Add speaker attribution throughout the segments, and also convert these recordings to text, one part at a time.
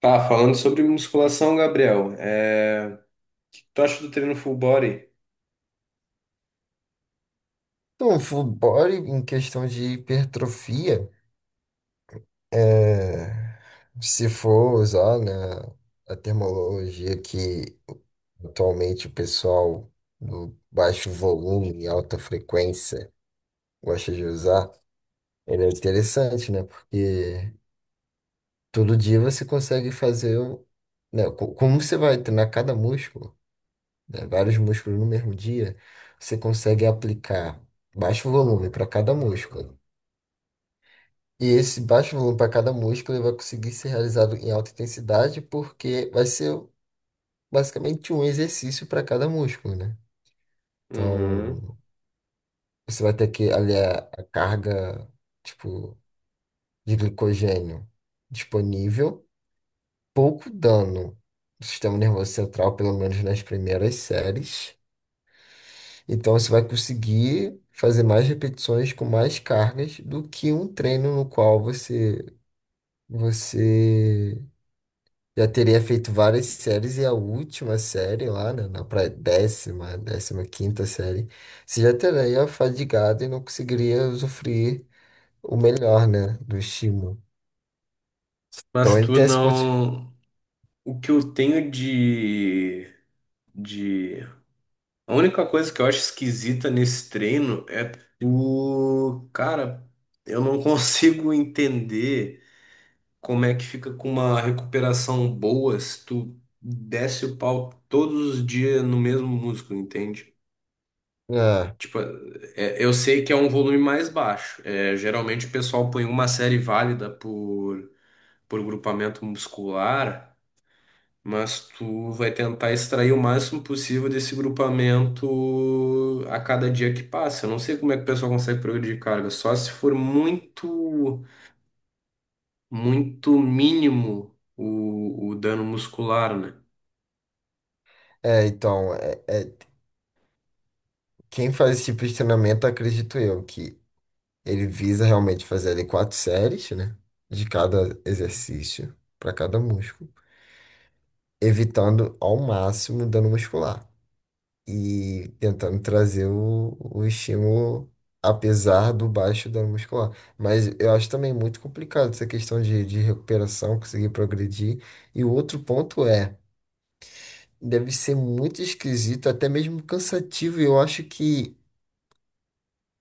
Speaker 1: Tá, falando sobre musculação, Gabriel, tu acha do treino full body?
Speaker 2: Então, o full body em questão de hipertrofia, é, se for usar, né, a terminologia que atualmente o pessoal do baixo volume e alta frequência gosta de usar, ele é interessante, né? Porque todo dia você consegue fazer, né, como você vai treinar cada músculo, né, vários músculos no mesmo dia, você consegue aplicar baixo volume para cada músculo. E esse baixo volume para cada músculo ele vai conseguir ser realizado em alta intensidade, porque vai ser basicamente um exercício para cada músculo, né?
Speaker 1: Uhum.
Speaker 2: Então, você vai ter que aliar a carga, tipo, de glicogênio disponível, pouco dano do sistema nervoso central, pelo menos nas primeiras séries. Então, você vai conseguir fazer mais repetições com mais cargas do que um treino no qual você já teria feito várias séries e a última série lá, né, na pra 10ª, 15ª série, você já teria fadigado e não conseguiria usufruir o melhor, né, do estímulo. Então
Speaker 1: Mas
Speaker 2: ele
Speaker 1: tu
Speaker 2: tem esse ponto.
Speaker 1: não. O que eu tenho de... de. A única coisa que eu acho esquisita nesse treino é o. Cara, eu não consigo entender como é que fica com uma recuperação boa se tu desce o pau todos os dias no mesmo músculo, entende?
Speaker 2: Ah,
Speaker 1: Tipo, eu sei que é um volume mais baixo. É, geralmente o pessoal põe uma série válida por grupamento muscular, mas tu vai tentar extrair o máximo possível desse grupamento a cada dia que passa. Eu não sei como é que o pessoal consegue progredir de carga, só se for muito, muito mínimo o dano muscular, né?
Speaker 2: é, então, é, é- quem faz esse tipo de treinamento, acredito eu, que ele visa realmente fazer ali quatro séries, né, de cada exercício, para cada músculo, evitando ao máximo dano muscular. E tentando trazer o estímulo, apesar do baixo dano muscular. Mas eu acho também muito complicado essa questão de recuperação, conseguir progredir. E o outro ponto é, deve ser muito esquisito, até mesmo cansativo, e eu acho que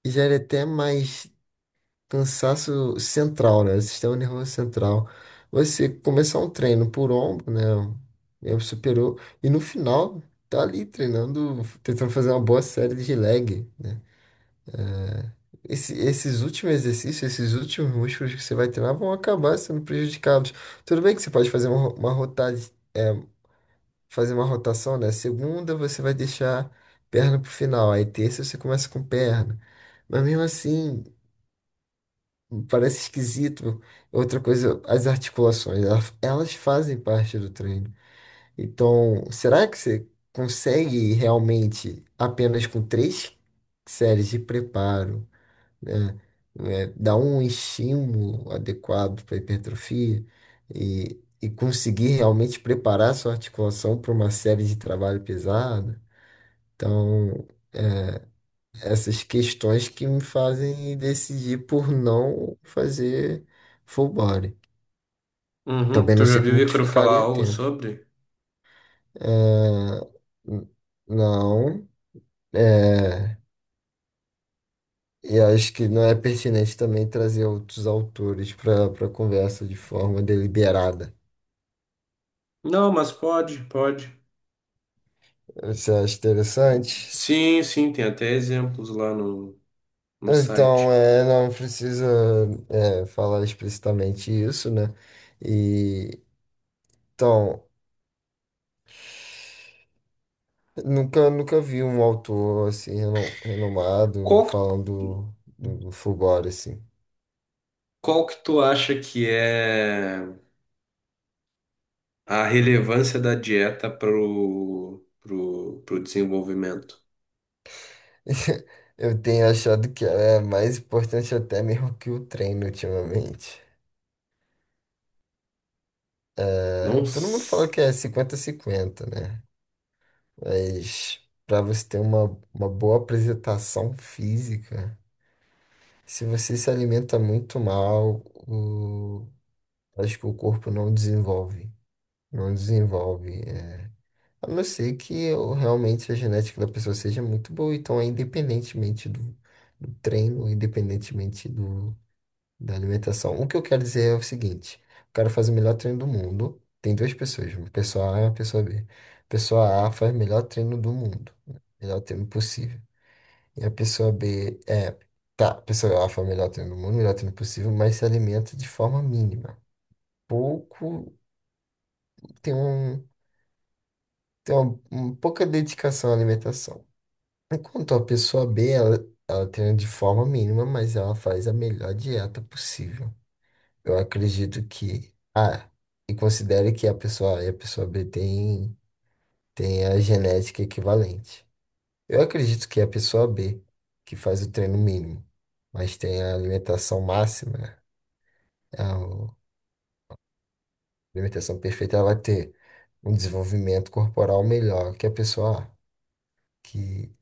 Speaker 2: gera até mais cansaço central, né? Sistema nervoso central. Você começar um treino por ombro, né? Eu superou, e no final tá ali treinando, tentando fazer uma boa série de leg. Esses últimos exercícios, esses últimos músculos que você vai treinar vão acabar sendo prejudicados. Tudo bem que você pode fazer uma rota, é, fazer uma rotação, né? Segunda você vai deixar perna pro final, aí terça você começa com perna. Mas mesmo assim, parece esquisito. Outra coisa, as articulações, elas fazem parte do treino. Então, será que você consegue realmente apenas com três séries de preparo, né? É, dar um estímulo adequado para hipertrofia e conseguir realmente preparar sua articulação para uma série de trabalho pesado. Então, essas questões que me fazem decidir por não fazer full body.
Speaker 1: Uhum.
Speaker 2: Também
Speaker 1: Tu
Speaker 2: não
Speaker 1: já
Speaker 2: sei
Speaker 1: viu o
Speaker 2: como que
Speaker 1: Ícaro falar
Speaker 2: ficaria o
Speaker 1: algo
Speaker 2: tempo.
Speaker 1: sobre?
Speaker 2: É, n- não. É, e acho que não é pertinente também trazer outros autores para a conversa de forma deliberada.
Speaker 1: Não, mas pode, pode.
Speaker 2: Você acha interessante?
Speaker 1: Sim, sim, tem até exemplos lá no
Speaker 2: Então,
Speaker 1: site.
Speaker 2: não precisa, falar explicitamente isso, né? E, então, nunca vi um autor, assim, renomado
Speaker 1: Qual que,
Speaker 2: falando do Fulgore, assim.
Speaker 1: qual que tu acha que é a relevância da dieta pro desenvolvimento?
Speaker 2: Eu tenho achado que é mais importante até mesmo que o treino ultimamente.
Speaker 1: Não.
Speaker 2: Todo mundo fala
Speaker 1: s-
Speaker 2: que é 50 cinquenta, né? Mas para você ter uma boa apresentação física, se você se alimenta muito mal, acho que o corpo não desenvolve. Não desenvolve. É. A não ser que realmente a genética da pessoa seja muito boa. Então, independentemente do treino, independentemente do, da alimentação. O que eu quero dizer é o seguinte: o cara faz o melhor treino do mundo. Tem duas pessoas, uma pessoa A e uma pessoa B. Pessoa A faz o melhor treino do mundo, o melhor treino possível. E a pessoa B tá, a pessoa A foi o melhor treino do mundo, o melhor treino possível, mas se alimenta de forma mínima. Pouco, tem um, tem uma, pouca dedicação à alimentação. Enquanto a pessoa B, ela treina de forma mínima, mas ela faz a melhor dieta possível. Eu acredito que A, e considere que a pessoa A e a pessoa B tem a genética equivalente. Eu acredito que a pessoa B, que faz o treino mínimo, mas tem a alimentação máxima, a alimentação perfeita ela vai ter um desenvolvimento corporal melhor que a pessoa que,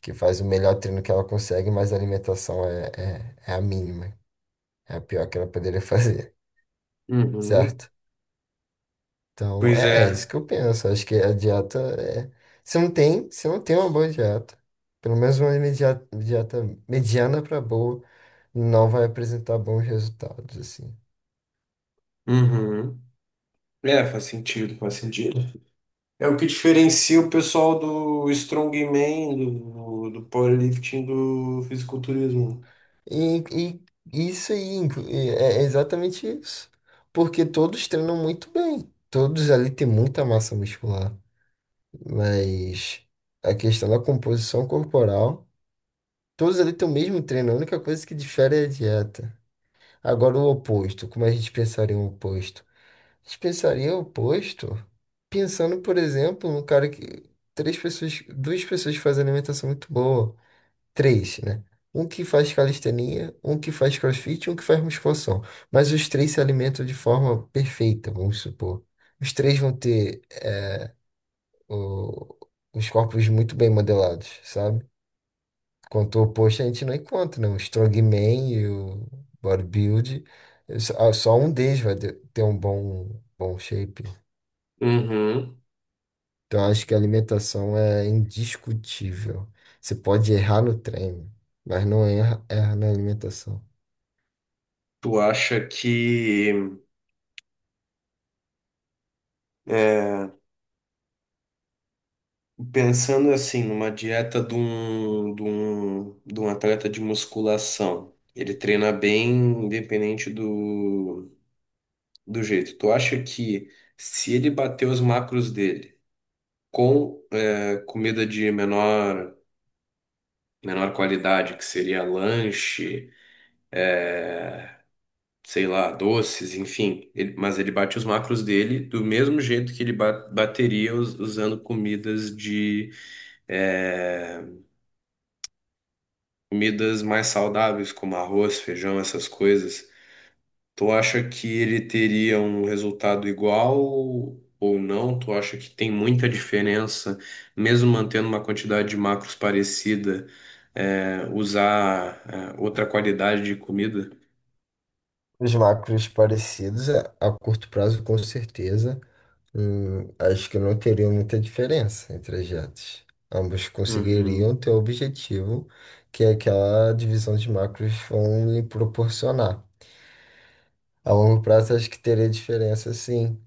Speaker 2: que faz o melhor treino que ela consegue, mas a alimentação é a mínima, é a pior que ela poderia fazer,
Speaker 1: Uhum.
Speaker 2: certo? Então,
Speaker 1: Pois
Speaker 2: é isso
Speaker 1: é.
Speaker 2: que eu penso. Acho que a dieta é. Se não tem uma boa dieta, pelo menos uma dieta mediana para boa, não vai apresentar bons resultados, assim.
Speaker 1: Uhum. É, faz sentido, faz sentido. É o que diferencia o pessoal do strongman, do powerlifting, do fisiculturismo.
Speaker 2: E, e isso aí e é exatamente isso. Porque todos treinam muito bem. Todos ali têm muita massa muscular. Mas a questão da composição corporal, todos ali têm o mesmo treino. A única coisa que difere é a dieta. Agora, o oposto. Como a gente pensaria o oposto? A gente pensaria o oposto pensando, por exemplo, num cara que. Três pessoas, duas pessoas fazem alimentação muito boa. Três, né? Um que faz calistenia, um que faz crossfit e um que faz musculação. Mas os três se alimentam de forma perfeita, vamos supor. Os três vão ter o- os corpos muito bem modelados, sabe? Quanto o oposto a gente não encontra, né? O strongman e o bodybuild, só um deles vai ter um bom shape.
Speaker 1: Uhum.
Speaker 2: Então acho que a alimentação é indiscutível. Você pode errar no treino, mas não erra na alimentação.
Speaker 1: Tu acha que é, Pensando assim, numa dieta de um, de um, de um atleta de musculação, ele treina bem independente do jeito. Tu acha que se ele bater os macros dele com comida de menor, menor qualidade, que seria lanche, sei lá, doces, enfim, mas ele bate os macros dele do mesmo jeito que ele bateria usando comidas de eh, Comidas mais saudáveis, como arroz, feijão, essas coisas, tu acha que ele teria um resultado igual ou não? Tu acha que tem muita diferença, mesmo mantendo uma quantidade de macros parecida, é, usar, é, outra qualidade de comida?
Speaker 2: Os macros parecidos a curto prazo, com certeza. Acho que não teria muita diferença entre as metas. Ambos conseguiriam
Speaker 1: Uhum,
Speaker 2: ter o objetivo que é aquela divisão de macros vão lhe proporcionar. A longo prazo, acho que teria diferença, sim.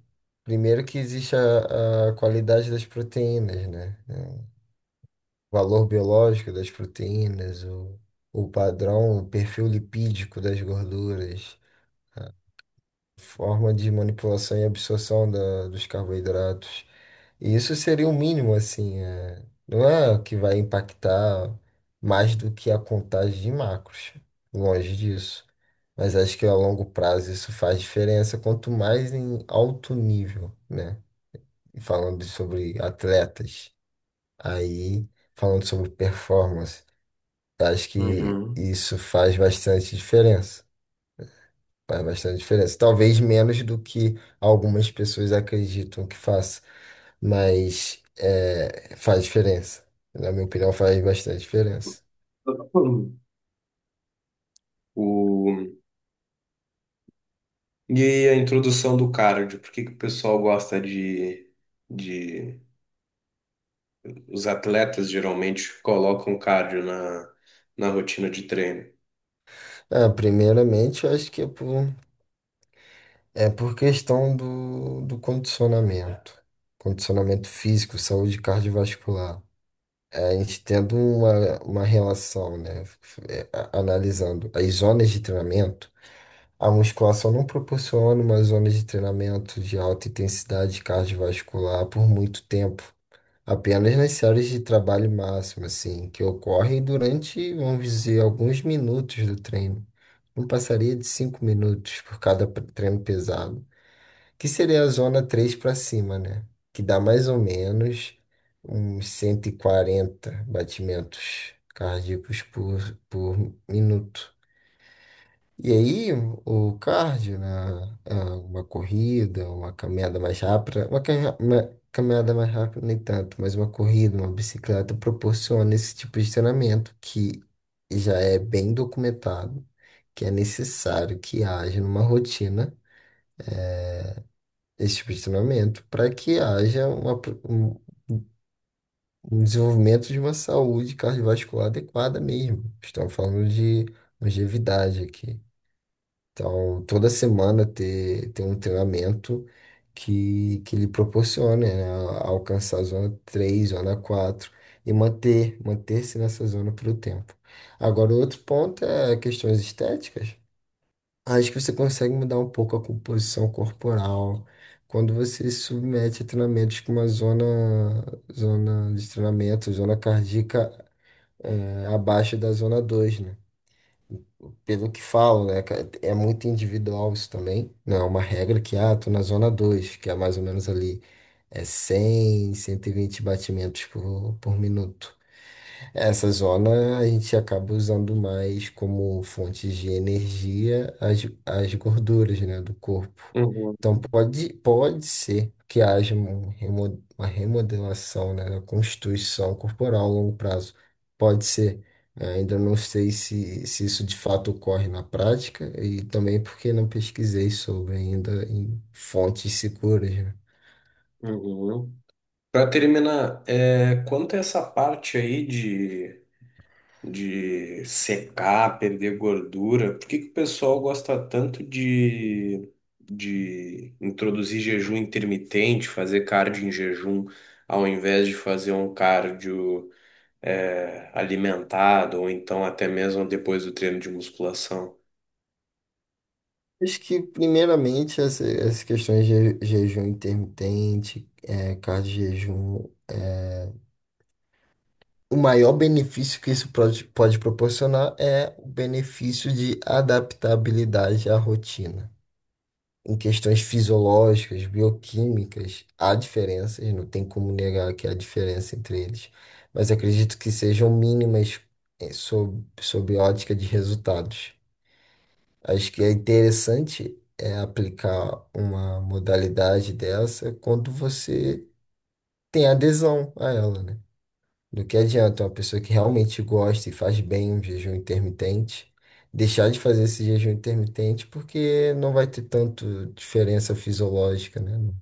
Speaker 2: Primeiro que existe a qualidade das proteínas, né? O valor biológico das proteínas, o padrão, o perfil lipídico das gorduras. Forma de manipulação e absorção dos carboidratos. E isso seria o mínimo, assim, não é que vai impactar mais do que a contagem de macros, longe disso. Mas acho que a longo prazo isso faz diferença, quanto mais em alto nível, né? E falando sobre atletas, aí falando sobre performance, acho que
Speaker 1: uhum.
Speaker 2: isso faz bastante diferença. Faz bastante diferença. Talvez menos do que algumas pessoas acreditam que faça, mas faz diferença. Na minha opinião, faz bastante diferença.
Speaker 1: O... E a introdução do cardio, por que que o pessoal gosta de, os atletas geralmente colocam cardio na rotina de treino.
Speaker 2: Ah, primeiramente, eu acho que é por, questão do condicionamento. Condicionamento físico, saúde cardiovascular. A gente tendo uma relação, né? Analisando as zonas de treinamento. A musculação não proporciona uma zona de treinamento de alta intensidade cardiovascular por muito tempo, apenas nas séries de trabalho máximo, assim, que ocorrem durante, vamos dizer, alguns minutos do treino. Não passaria de 5 minutos por cada treino pesado, que seria a zona 3 para cima, né? Que dá mais ou menos uns 140 batimentos cardíacos por minuto. E aí, o cardio, né, é uma corrida, uma caminhada mais rápida, uma caminhada mais rápida nem tanto, mas uma corrida, uma bicicleta proporciona esse tipo de treinamento que já é bem documentado, que é necessário que haja numa rotina esse tipo de treinamento para que haja um desenvolvimento de uma saúde cardiovascular adequada mesmo. Estamos falando de longevidade aqui. Então, toda semana ter um treinamento que lhe proporcione, né, alcançar a zona 3, zona 4 e manter-se nessa zona pelo tempo. Agora, o outro ponto é questões estéticas. Acho que você consegue mudar um pouco a composição corporal quando você se submete a treinamentos com uma zona, zona de treinamento, zona cardíaca, abaixo da zona 2, né? Pelo que falo, né, cara, é muito individual isso também. Não é uma regra que, ah, tô na zona 2 que é mais ou menos ali, é 100, 120 batimentos por minuto. Essa zona a gente acaba usando mais como fonte de energia as gorduras, né, do corpo.
Speaker 1: Uhum,
Speaker 2: Então pode ser que haja uma remodelação, né, da constituição corporal a longo prazo. Pode ser. Ainda não sei se isso de fato ocorre na prática e também porque não pesquisei sobre ainda em fontes seguras, né.
Speaker 1: uhum. Para terminar, é, quanto a essa parte aí de secar, perder gordura, por que que o pessoal gosta tanto de introduzir jejum intermitente, fazer cardio em jejum, ao invés de fazer um cardio, é, alimentado, ou então até mesmo depois do treino de musculação?
Speaker 2: Acho que, primeiramente, essas questões de jejum intermitente, cardio-jejum, o maior benefício que isso pode proporcionar é o benefício de adaptabilidade à rotina. Em questões fisiológicas, bioquímicas, há diferenças, não tem como negar que há diferença entre eles, mas acredito que sejam mínimas, sob ótica de resultados. Acho que é interessante é aplicar uma modalidade dessa quando você tem adesão a ela, né? Do que adianta uma pessoa que realmente gosta e faz bem um jejum intermitente deixar de fazer esse jejum intermitente porque não vai ter tanto diferença fisiológica, né, no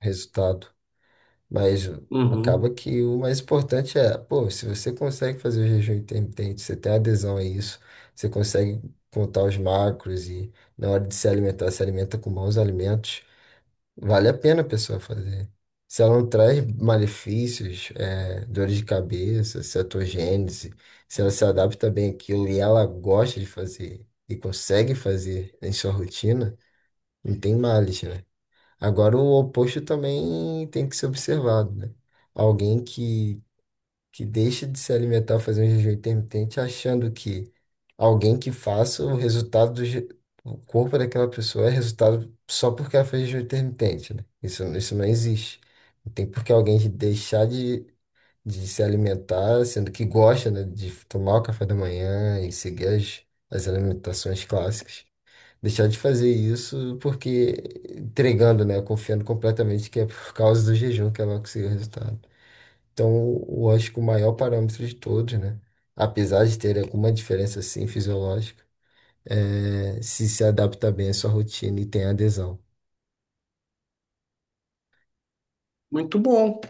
Speaker 2: resultado. Mas
Speaker 1: Uhum.
Speaker 2: acaba que o mais importante é, pô, se você consegue fazer o jejum intermitente, você tem adesão a isso, você consegue contar os macros e na hora de se alimentar, se alimenta com bons alimentos, vale a pena a pessoa fazer. Se ela não traz malefícios, dores de cabeça, cetogênese, se ela se adapta bem àquilo e ela gosta de fazer e consegue fazer em sua rotina, não tem males, né? Agora, o oposto também tem que ser observado, né? Alguém que deixa de se alimentar, fazer um jejum intermitente, achando que alguém que faça o resultado o corpo daquela pessoa é resultado só porque ela fez jejum intermitente, né? Isso não existe. Não tem por que alguém de deixar de se alimentar, sendo que gosta, né, de tomar o café da manhã e seguir as alimentações clássicas. Deixar de fazer isso porque entregando, né? Confiando completamente que é por causa do jejum que ela conseguiu o resultado. Então, eu acho que o maior parâmetro de todos, né? Apesar de ter alguma diferença, assim fisiológica, é se se adapta bem à sua rotina e tem adesão.
Speaker 1: Muito bom.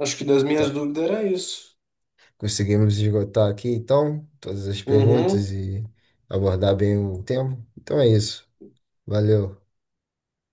Speaker 1: Acho que das minhas
Speaker 2: Tá.
Speaker 1: dúvidas era isso.
Speaker 2: Conseguimos esgotar aqui, então, todas as perguntas
Speaker 1: Uhum.
Speaker 2: e abordar bem o tema? Então é isso. Valeu.